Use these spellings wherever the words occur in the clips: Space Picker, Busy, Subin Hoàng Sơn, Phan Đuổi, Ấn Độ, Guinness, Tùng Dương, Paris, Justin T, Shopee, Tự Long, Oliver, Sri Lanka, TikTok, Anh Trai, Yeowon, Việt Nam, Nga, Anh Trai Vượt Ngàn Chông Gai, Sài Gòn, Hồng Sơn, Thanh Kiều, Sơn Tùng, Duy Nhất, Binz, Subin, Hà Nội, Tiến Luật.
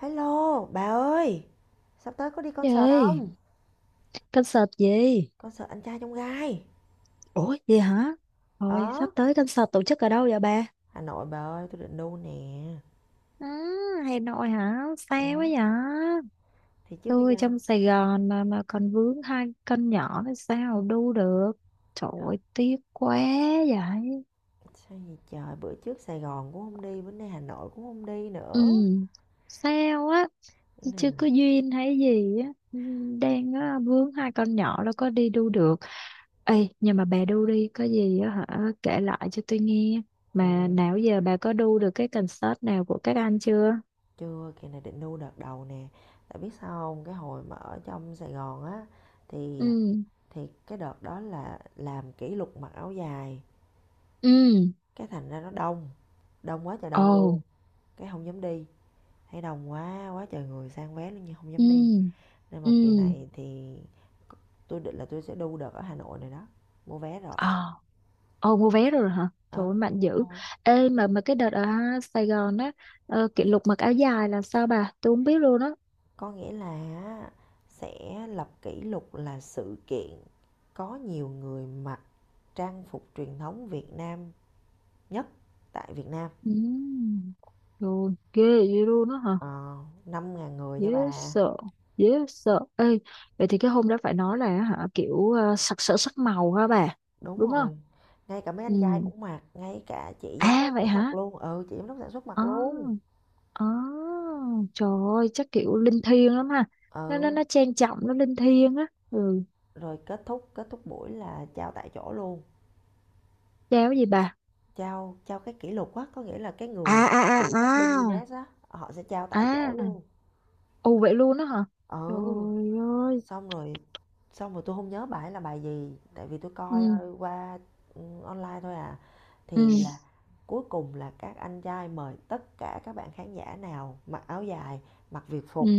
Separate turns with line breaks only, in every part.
Hello, bà ơi, sắp tới có đi
Trời
concert
ơi,
không?
concert gì?
Concert anh trai trong gai.
Ủa, gì hả? Thôi,
Ở
sắp tới concert tổ chức ở đâu vậy bà?
Hà Nội bà ơi, tôi định đu nè.
Ừ, Hà Nội hả? Xa quá
Ừ.
vậy?
Thì chứ bây
Tôi
giờ.
trong Sài Gòn mà còn vướng hai con nhỏ thì sao đu được? Trời
Đó.
ơi, tiếc quá vậy.
Sao gì trời, bữa trước Sài Gòn cũng không đi, bữa nay Hà Nội cũng không đi
Ừ,
nữa.
sao á?
Cái
Chứ
này
chưa
là
có duyên hay gì á. Ừ, đang á, vướng hai con nhỏ là có đi đu được. Ê, nhưng mà bà đu đi, có gì á hả, kể lại cho tôi nghe.
ừ,
Mà nào giờ bà có đu được cái concert nào của các anh chưa?
chưa, kỳ này định đu đợt đầu nè. Tại biết sao không, cái hồi mà ở trong Sài Gòn á
Ừ,
thì thì cái đợt đó là làm kỷ lục mặc áo dài,
ừ,
cái thành ra nó đông, đông quá trời đông
ồ,
luôn, cái không dám đi, thấy đông quá quá trời người sang vé luôn nhưng không
ừ,
dám đi, nên mà kỳ
ừ,
này thì tôi định là tôi sẽ đu đợt ở Hà Nội này đó, mua vé rồi.
ờ, ồ, mua vé rồi hả? Trời ơi,
Ờ Mua
mạnh
vé
dữ.
rồi.
Ê, mà cái đợt ở Sài Gòn á, kỷ lục mặc áo dài là sao bà? Tôi không biết luôn á.
Có nghĩa là á, sẽ lập kỷ lục là sự kiện có nhiều người mặc trang phục truyền thống Việt Nam nhất tại Việt Nam.
Ừ, rồi, ghê vậy luôn á hả?
ờ, 5.000 người
Dễ
nha bà.
sợ, dễ sợ. Ê, vậy thì cái hôm đó phải nói là hả, kiểu sặc sỡ sắc màu hả bà?
Đúng
Đúng không?
rồi, ngay cả mấy anh trai
Ừ.
cũng mặc, ngay cả chị giám
À
đốc
vậy
cũng mặc
hả?
luôn, ừ, chị giám đốc sản xuất mặc
Ờ.
luôn.
Ờ. Trời ơi, chắc kiểu linh thiêng lắm ha. Nó nó
Ừ,
nó trang trọng, nó linh thiêng á. Ừ.
rồi kết thúc buổi là trao tại chỗ luôn.
Cháo gì bà?
Trao trao cái kỷ lục á, có nghĩa là cái
À
người
à à
phụ trách bên
à.
Guinness á, họ sẽ trao tại chỗ
À,
luôn.
ồ vậy luôn đó hả?
Ừ,
Trời ơi.
xong rồi xong rồi tôi không nhớ bài là bài gì, tại vì tôi coi
Ừ
qua ừ, online thôi à.
ừ
Thì là cuối cùng là các anh trai mời tất cả các bạn khán giả nào mặc áo dài, mặc việt
ừ
phục,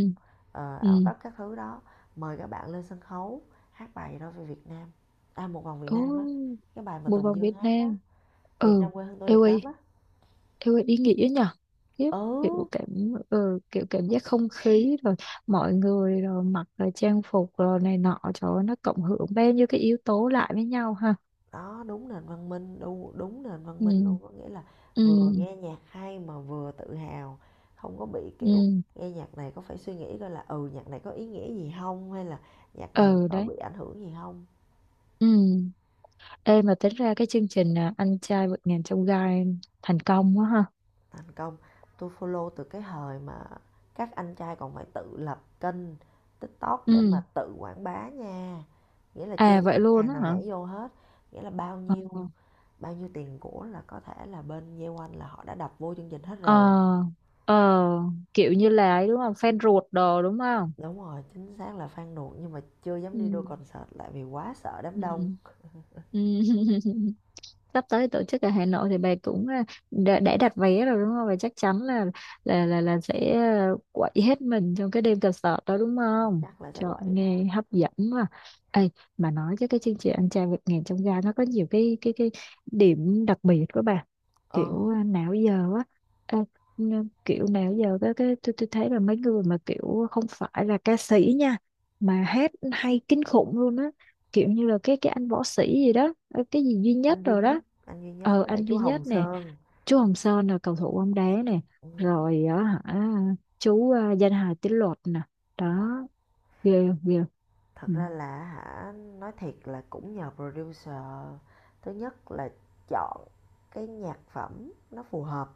áo
ừ.
tất các thứ đó, mời các bạn lên sân khấu hát bài đó về Việt Nam. À, một vòng Việt Nam á,
Ồ,
cái bài mà
bộ
Tùng
vòng Việt
Dương hát á,
Nam.
Việt
Ừ.
Nam quê hương tôi
Ê
đẹp
ơi,
lắm á.
theo ý nghĩa nhở. Khiếp, kiểu
Ừ.
cảm kiểu cảm giác không khí rồi mọi người rồi mặc rồi trang phục rồi này nọ, trời ơi, nó cộng hưởng bao nhiêu cái yếu tố lại với nhau ha.
Đó, đúng nền văn minh, đu đúng nền văn minh luôn,
Ừ
có nghĩa là vừa
ừ
nghe nhạc hay mà vừa tự hào, không có bị, kiểu,
ừ
nghe nhạc này có phải suy nghĩ coi là, ừ, nhạc này có ý nghĩa gì không, hay là nhạc này
ừ
có
đấy.
bị ảnh hưởng gì không.
Ừ. Ê mà tính ra cái chương trình anh trai vượt ngàn chông gai thành công quá ha.
Thành công, tôi follow từ cái thời mà các anh trai còn phải tự lập kênh TikTok để
Ừ,
mà tự quảng bá nha, nghĩa là chưa
à
có
vậy
những
luôn
hàng
á
nào
hả,
nhảy vô hết, nghĩa là bao
ờ,
nhiêu bao nhiêu tiền của là có thể là bên Yeowon là họ đã đập vô chương trình hết
ờ,
rồi.
ờ, kiểu như là ấy đúng không, fan ruột đồ đúng không.
Đúng rồi, chính xác là Phan Đuổi nhưng mà chưa dám
Ừ
đi đôi concert lại vì quá sợ đám đông,
ừ ừ. Sắp tới tổ chức ở Hà Nội thì bà cũng đã đặt vé rồi đúng không? Và chắc chắn là sẽ quậy hết mình trong cái đêm concert đó đúng không?
chắc là sẽ
Trời
quậy
nghe
đó.
hấp dẫn mà. Ê, mà nói chứ cái chương trình anh trai vượt ngàn chông gai nó có nhiều cái điểm đặc biệt của bà,
Ờ,
kiểu nào giờ á, à, kiểu nào giờ cái tôi thấy là mấy người mà kiểu không phải là ca sĩ nha, mà hát hay kinh khủng luôn á, kiểu như là cái anh võ sĩ gì đó, cái gì Duy Nhất
anh Duy
rồi
Nhất,
đó.
anh Duy Nhất
Ờ
với
anh
lại chú
Duy
Hồng
Nhất nè,
Sơn.
chú Hồng Sơn là cầu thủ bóng đá nè,
Ừ.
rồi á hả, chú danh hài Tiến Luật nè, đó, ghê không, ghê không?
Thật
Ừ
ra là hả, nói thiệt là cũng nhờ producer. Thứ nhất là chọn cái nhạc phẩm nó phù hợp,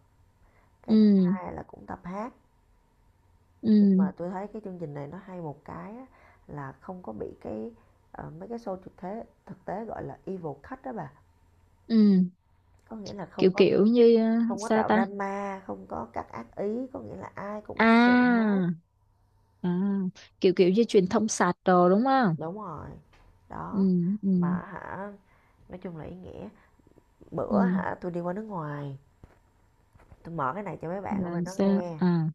cái thứ
ừ
hai là cũng tập hát. Nhưng mà
ừ
tôi thấy cái chương trình này nó hay một cái á, là không có bị cái mấy cái show thực tế gọi là evil cut đó bà.
ừ.
Có nghĩa là
Kiểu
không có
kiểu như
không có
sao
tạo
ta,
drama, không có các ác ý, có nghĩa là ai cũng thân thiện
à,
hết.
à kiểu kiểu như truyền thông sạch đồ đúng không.
Đúng rồi
Ừ
đó.
ừ
Mà hả, nói chung là ý nghĩa,
ừ
bữa hả tôi đi qua nước ngoài, tôi mở cái này cho mấy bạn ở
là
bên đó
sao
nghe.
à.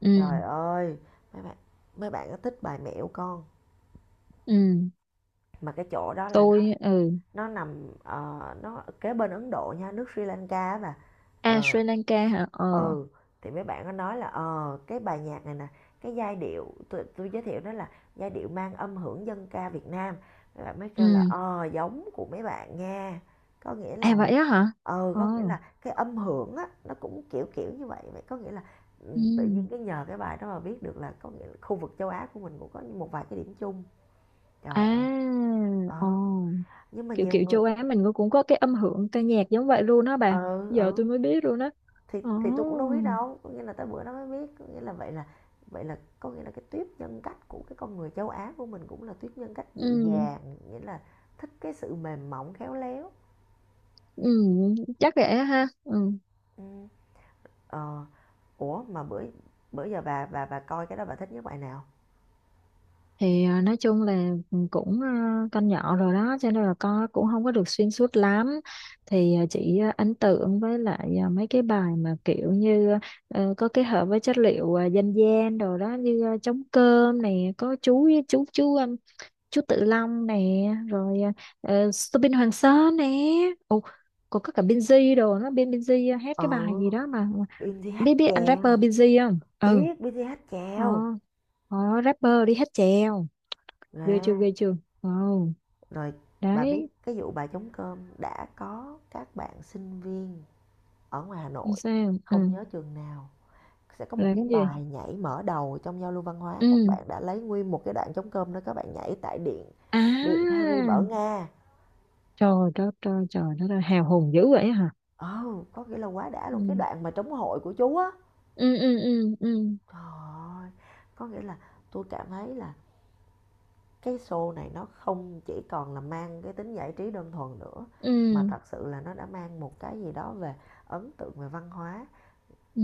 Ừ
Trời ơi, mấy bạn, mấy bạn có thích bài mẹo con,
ừ
mà cái chỗ đó là
tôi ừ
nó nằm nó kế bên Ấn Độ nha, nước Sri Lanka á bà.
à
Ờ.
Sri Lanka hả ờ
Ừ, thì mấy bạn nó nói là, ờ, cái bài nhạc này nè, cái giai điệu tôi giới thiệu đó là giai điệu mang âm hưởng dân ca Việt Nam. Mấy bạn mới kêu là,
ừ.
ờ, giống của mấy bạn nha. Có nghĩa
À
là
vậy á hả?
có nghĩa
Ồ.
là cái âm hưởng á, nó cũng kiểu kiểu như vậy. Vậy có nghĩa là, tự nhiên
Ừ.
cái nhờ cái bài đó mà biết được là có nghĩa là khu vực châu Á của mình cũng có một vài cái điểm chung.
À,
Trời ơi,
ồ.
ờ, nhưng mà
Kiểu
nhiều
kiểu
người
châu Á mình cũng có cái âm hưởng ca nhạc giống vậy luôn đó
ừ,
bà. Giờ tôi
ừ.
mới biết luôn đó.
thì
Ồ.
thì tôi cũng đâu biết đâu, có nghĩa là tới bữa nó mới biết, có nghĩa là vậy là có nghĩa là cái tuyết nhân cách của cái con người châu á của mình cũng là tuyết nhân cách dịu
Ừ.
dàng, nghĩa là thích cái sự mềm mỏng khéo léo.
Ừ. Chắc vậy á ha. Ừ.
Ừ. Ờ, ủa mà bữa bữa giờ bà coi cái đó bà thích nhất bài nào?
Thì nói chung là cũng con nhỏ rồi đó cho nên là con cũng không có được xuyên suốt lắm. Thì chỉ ấn tượng với lại mấy cái bài mà kiểu như có kết hợp với chất liệu dân gian đồ đó, như trống cơm này có chú Tự Long nè, rồi Subin Hoàng Sơn nè. Ồ, còn có cả Binz đồ, nó bên Binz hát
Ờ,
cái bài gì đó mà
BTH
biết biết anh
chèo,
rapper Binz không. Ừ,
biết BTH
ờ.
chèo
Ờ, rapper đi hát chèo, ghê chưa
nè.
ghê chưa. Ờ
Rồi bà biết
đấy.
cái vụ bà chống cơm đã có các bạn sinh viên ở ngoài Hà Nội,
Sao ừ.
không nhớ trường nào, sẽ có một cái
Làm gì.
bài nhảy mở đầu trong giao lưu văn hóa, các
Ừ.
bạn đã lấy nguyên một cái đoạn trống cơm đó, các bạn nhảy tại điện điện
À
Paris ở Nga.
trời đất, trời trời đất ơi, hào hùng dữ vậy hả.
Ờ, có nghĩa là quá đã luôn, cái
Ừ
đoạn mà trống hội của chú á.
ừ ừ ừ ừ
Trời ơi, có nghĩa là tôi cảm thấy là cái show này nó không chỉ còn là mang cái tính giải trí đơn thuần nữa, mà
ừ.
thật sự là nó đã mang một cái gì đó về ấn tượng về văn hóa.
Ừ.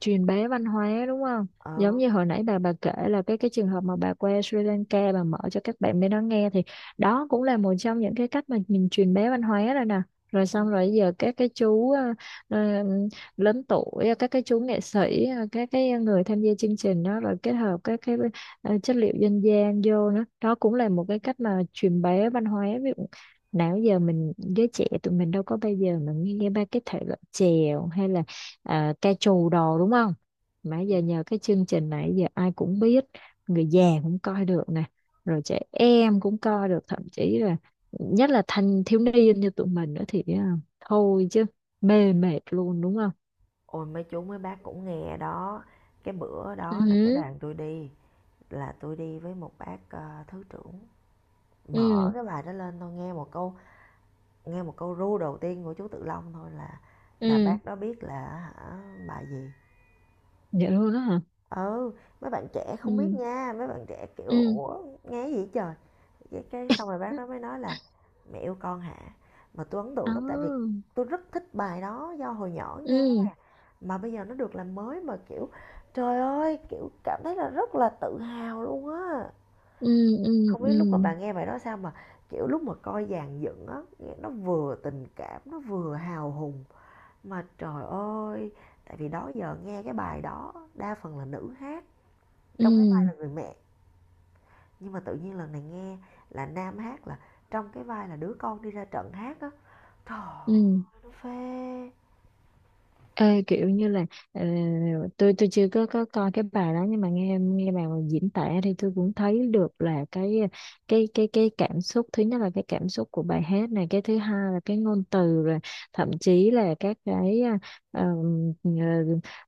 Truyền bá văn hóa đúng không,
Ờ,
giống như hồi nãy bà kể là cái trường hợp mà bà qua Sri Lanka, bà mở cho các bạn bên đó nghe thì đó cũng là một trong những cái cách mà mình truyền bá văn hóa rồi nè. Rồi
ừ.
xong rồi giờ các cái chú ờ, lớn tuổi, các cái chú nghệ sĩ, các cái người tham gia chương trình đó rồi kết hợp các cái chất liệu dân gian vô nữa, đó cũng là một cái cách mà truyền bá văn hóa. Ví dụ nào giờ mình giới trẻ tụi mình đâu có bao giờ mà nghe ba cái thể loại chèo hay là ca trù đồ đúng không, mà giờ nhờ cái chương trình này giờ ai cũng biết, người già cũng coi được nè, rồi trẻ em cũng coi được, thậm chí là nhất là thanh thiếu niên như tụi mình nữa thì thôi chứ mê mệt luôn đúng không.
Ôi mấy chú mấy bác cũng nghe đó, cái bữa
Ừ
đó là cái
hứ,
đoàn tôi đi là tôi đi với một bác thứ trưởng, mở
ừ
cái bài đó lên tôi nghe một câu ru đầu tiên của chú Tự Long thôi là
ừ
bác đó biết là hả bài gì.
vậy luôn đó hả.
Ừ, mấy bạn trẻ không biết
Ừ
nha, mấy bạn trẻ kiểu
ừ
ủa nghe gì trời. Cái Xong rồi bác
ừ.
đó mới nói là mẹ yêu con hả, mà tôi ấn
Đó.
tượng lắm, tại vì tôi rất thích bài đó do hồi nhỏ nghe,
Ừ
mà bây giờ nó được làm mới, mà kiểu trời ơi, kiểu cảm thấy là rất là tự hào luôn á.
ừ ừ
Không biết
ừ
lúc mà bà nghe bài đó sao, mà kiểu lúc mà coi dàn dựng á, nghe nó vừa tình cảm nó vừa hào hùng. Mà trời ơi, tại vì đó giờ nghe cái bài đó đa phần là nữ hát trong cái vai là
ừ
người mẹ, nhưng mà tự nhiên lần này nghe là nam hát, là trong cái vai là đứa con đi ra trận hát á, trời ơi,
ừ.
nó phê.
Ê, kiểu như là ờ, tôi chưa có coi cái bài đó nhưng mà nghe nghe bà diễn tả thì tôi cũng thấy được là cái cảm xúc, thứ nhất là cái cảm xúc của bài hát này, cái thứ hai là cái ngôn từ rồi thậm chí là các cái ờ, ờ,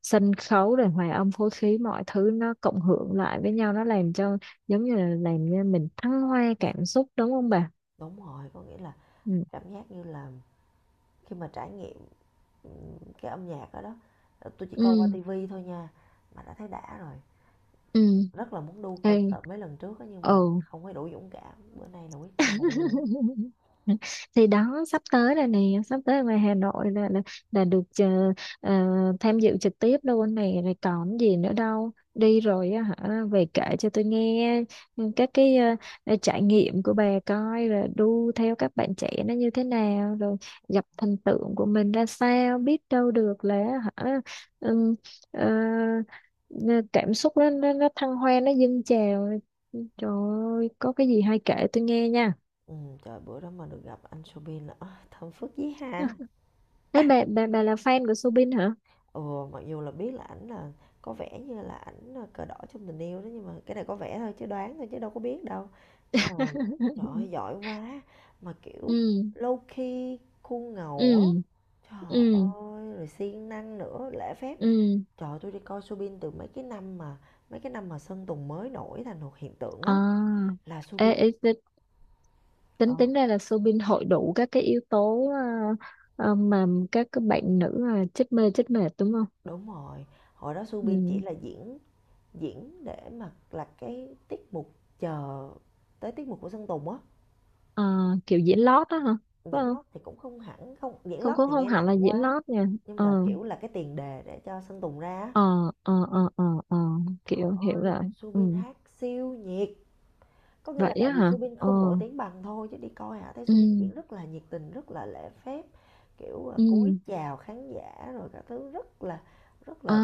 sân khấu rồi hòa âm phối khí, mọi thứ nó cộng hưởng lại với nhau nó làm cho giống như là làm cho mình thăng hoa cảm xúc đúng không bà?
Đúng rồi, có nghĩa là
Ừ
cảm giác như là khi mà trải nghiệm ừ, cái âm nhạc đó đó, tôi chỉ coi qua
ừ
tivi thôi nha mà đã thấy đã rồi.
ừ.
Rất là muốn đu
Ê,
concert mấy lần trước á, nhưng mà
ừ.
không có đủ dũng cảm. Bữa nay là quyết tâm mà đi rồi đó.
Thì đó sắp tới là nè, sắp tới ở ngoài Hà Nội là là được tham dự trực tiếp luôn này, rồi còn gì nữa đâu, đi rồi á hả về kể cho tôi nghe, ừ, các cái trải nghiệm của bà, coi rồi đu theo các bạn trẻ nó như thế nào, rồi gặp thần tượng của mình ra sao, biết đâu được là hả, ừm, ờ, cảm xúc nó thăng hoa nó dâng trào, trời ơi, có cái gì hay kể tôi nghe nha.
Ừ, trời bữa đó mà được gặp anh Subin là "Ôi, thơm phức dí ha."
Đấy bà, bà là fan của Soobin hả?
Ừ, mặc dù là biết là ảnh là có vẻ như là ảnh là cờ đỏ trong tình yêu đó, nhưng mà cái này có vẻ thôi chứ đoán thôi chứ đâu có biết đâu. Nhưng mà trời ơi, giỏi quá, mà kiểu
Ừ
low key khuôn ngầu
ừ
á. Trời
ừ
ơi, rồi siêng năng nữa, lễ phép.
ừ
Trời ơi, tôi đi coi Subin từ mấy cái năm mà Sơn Tùng mới nổi thành một hiện tượng á,
à.
là
Ê,
Subin.
ê, ti-
Ờ,
tính tính ra là Soobin hội đủ các cái yếu tố mà các bạn nữ là chết mê chết mệt đúng không.
đúng rồi, hồi đó Subin chỉ
Ừ.
là diễn, để mà là cái tiết mục chờ tới tiết mục của Sơn Tùng á.
Ờ, kiểu diễn lót đó hả, phải
Diễn
không,
lót thì cũng không hẳn, không diễn
không
lót
cũng
thì
không
nghe
hẳn
nặng
là diễn
quá,
lót nha.
nhưng mà
Ờ
kiểu là cái tiền đề để cho Sơn Tùng ra á.
ờ ờ ờ ờ ờ.
Trời
Kiểu hiểu
ơi,
rồi. Ừ
Subin hát siêu nhiệt, có nghĩa
vậy
là tại
á
vì
hả
Subin
ờ
không nổi tiếng bằng thôi, chứ đi coi hả thấy
ừ
Subin diễn rất là nhiệt tình, rất là lễ phép, kiểu cúi
ừ
chào khán giả rồi các thứ, rất là rất
à
là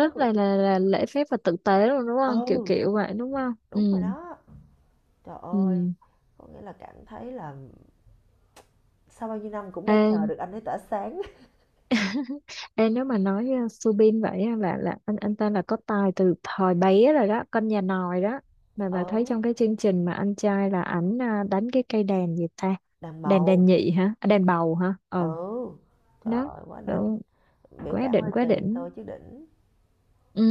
rất là
là là lễ phép và tử tế luôn đúng không, kiểu
ừ
kiểu vậy đúng không. Ừ
đúng rồi đó. Trời
ừ.
ơi, có nghĩa là cảm thấy là sau bao nhiêu năm cũng
Ê,
đã chờ được anh ấy tỏa sáng.
ê, nếu mà nói Subin vậy á, là anh ta là có tài từ thời bé rồi đó, con nhà nòi đó, mà bà thấy
Ừ,
trong cái chương trình mà anh trai là ảnh đánh cái cây đàn gì ta.
đàn
Đàn đàn
bầu,
nhị hả, à, đàn bầu hả ừ.
ừ, trời
Đó
ơi, quá
ừ,
đỉnh, biểu
quá
cảm
đỉnh
hơi
quá
kỳ
đỉnh.
thôi chứ đỉnh.
Ừ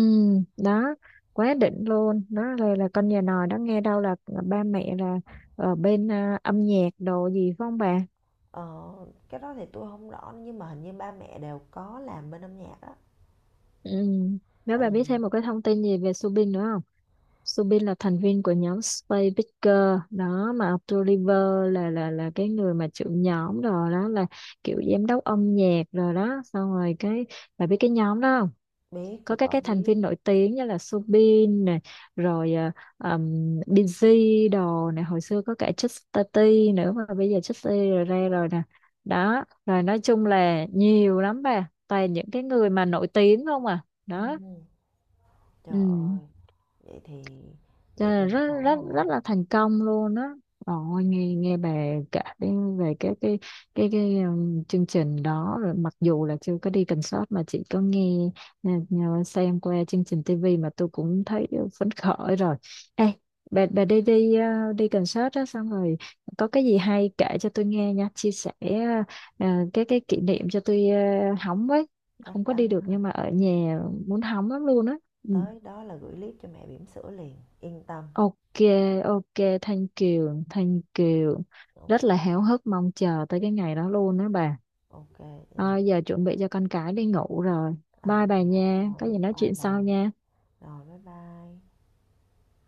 đó, quá đỉnh luôn đó, là con nhà nòi đó, nghe đâu là ba mẹ là ở bên âm nhạc đồ gì phải không bà.
Ờ, cái đó thì tôi không rõ nhưng mà hình như ba mẹ đều có làm bên âm nhạc á.
Ừ. Nếu
Tại
bà
vì
biết thêm một cái thông tin gì về Subin nữa không? Subin là thành viên của nhóm Space Picker đó mà Oliver là cái người mà trưởng nhóm rồi đó, là kiểu giám đốc âm nhạc rồi đó, xong rồi cái bà biết cái nhóm đó không?
biết,
Có
tôi
các
có
cái thành
biết.
viên nổi tiếng như là Subin này, rồi um, Busy đồ này, hồi xưa có cả Justin T nữa mà bây giờ Justin rồi ra rồi nè, đó, rồi nói chung là nhiều lắm bà, toàn những cái người mà nổi tiếng không à,
Ừ,
đó.
trời ơi,
Ừ,
vậy thì
cho
vậy
nên
thì
là rất
thảo
rất rất
nào.
là thành công luôn đó. Ôi, nghe nghe bà kể về cái chương trình đó, rồi mặc dù là chưa có đi concert mà chỉ có nghe xem qua chương trình TV mà tôi cũng thấy phấn khởi rồi. Ê, bà đi đi, đi concert đó xong rồi có cái gì hay kể cho tôi nghe nha, chia sẻ ờ, cái kỷ niệm cho tôi, hóng với,
Chắc
không có
chắn,
đi được nhưng mà ở nhà muốn hóng lắm luôn á. Ừ.
tới đó là gửi clip cho mẹ bỉm sữa liền, yên tâm.
Ok, ok, Thanh Kiều, Thanh Kiều.
Ồ,
Rất là háo hức mong chờ tới cái ngày đó luôn đó bà.
ok, vậy là
À, giờ chuẩn bị cho con cái đi ngủ rồi.
à,
Bye
vậy
bà nha, có
là
gì nói
bye
chuyện
bye.
sau nha.
Rồi bye bye.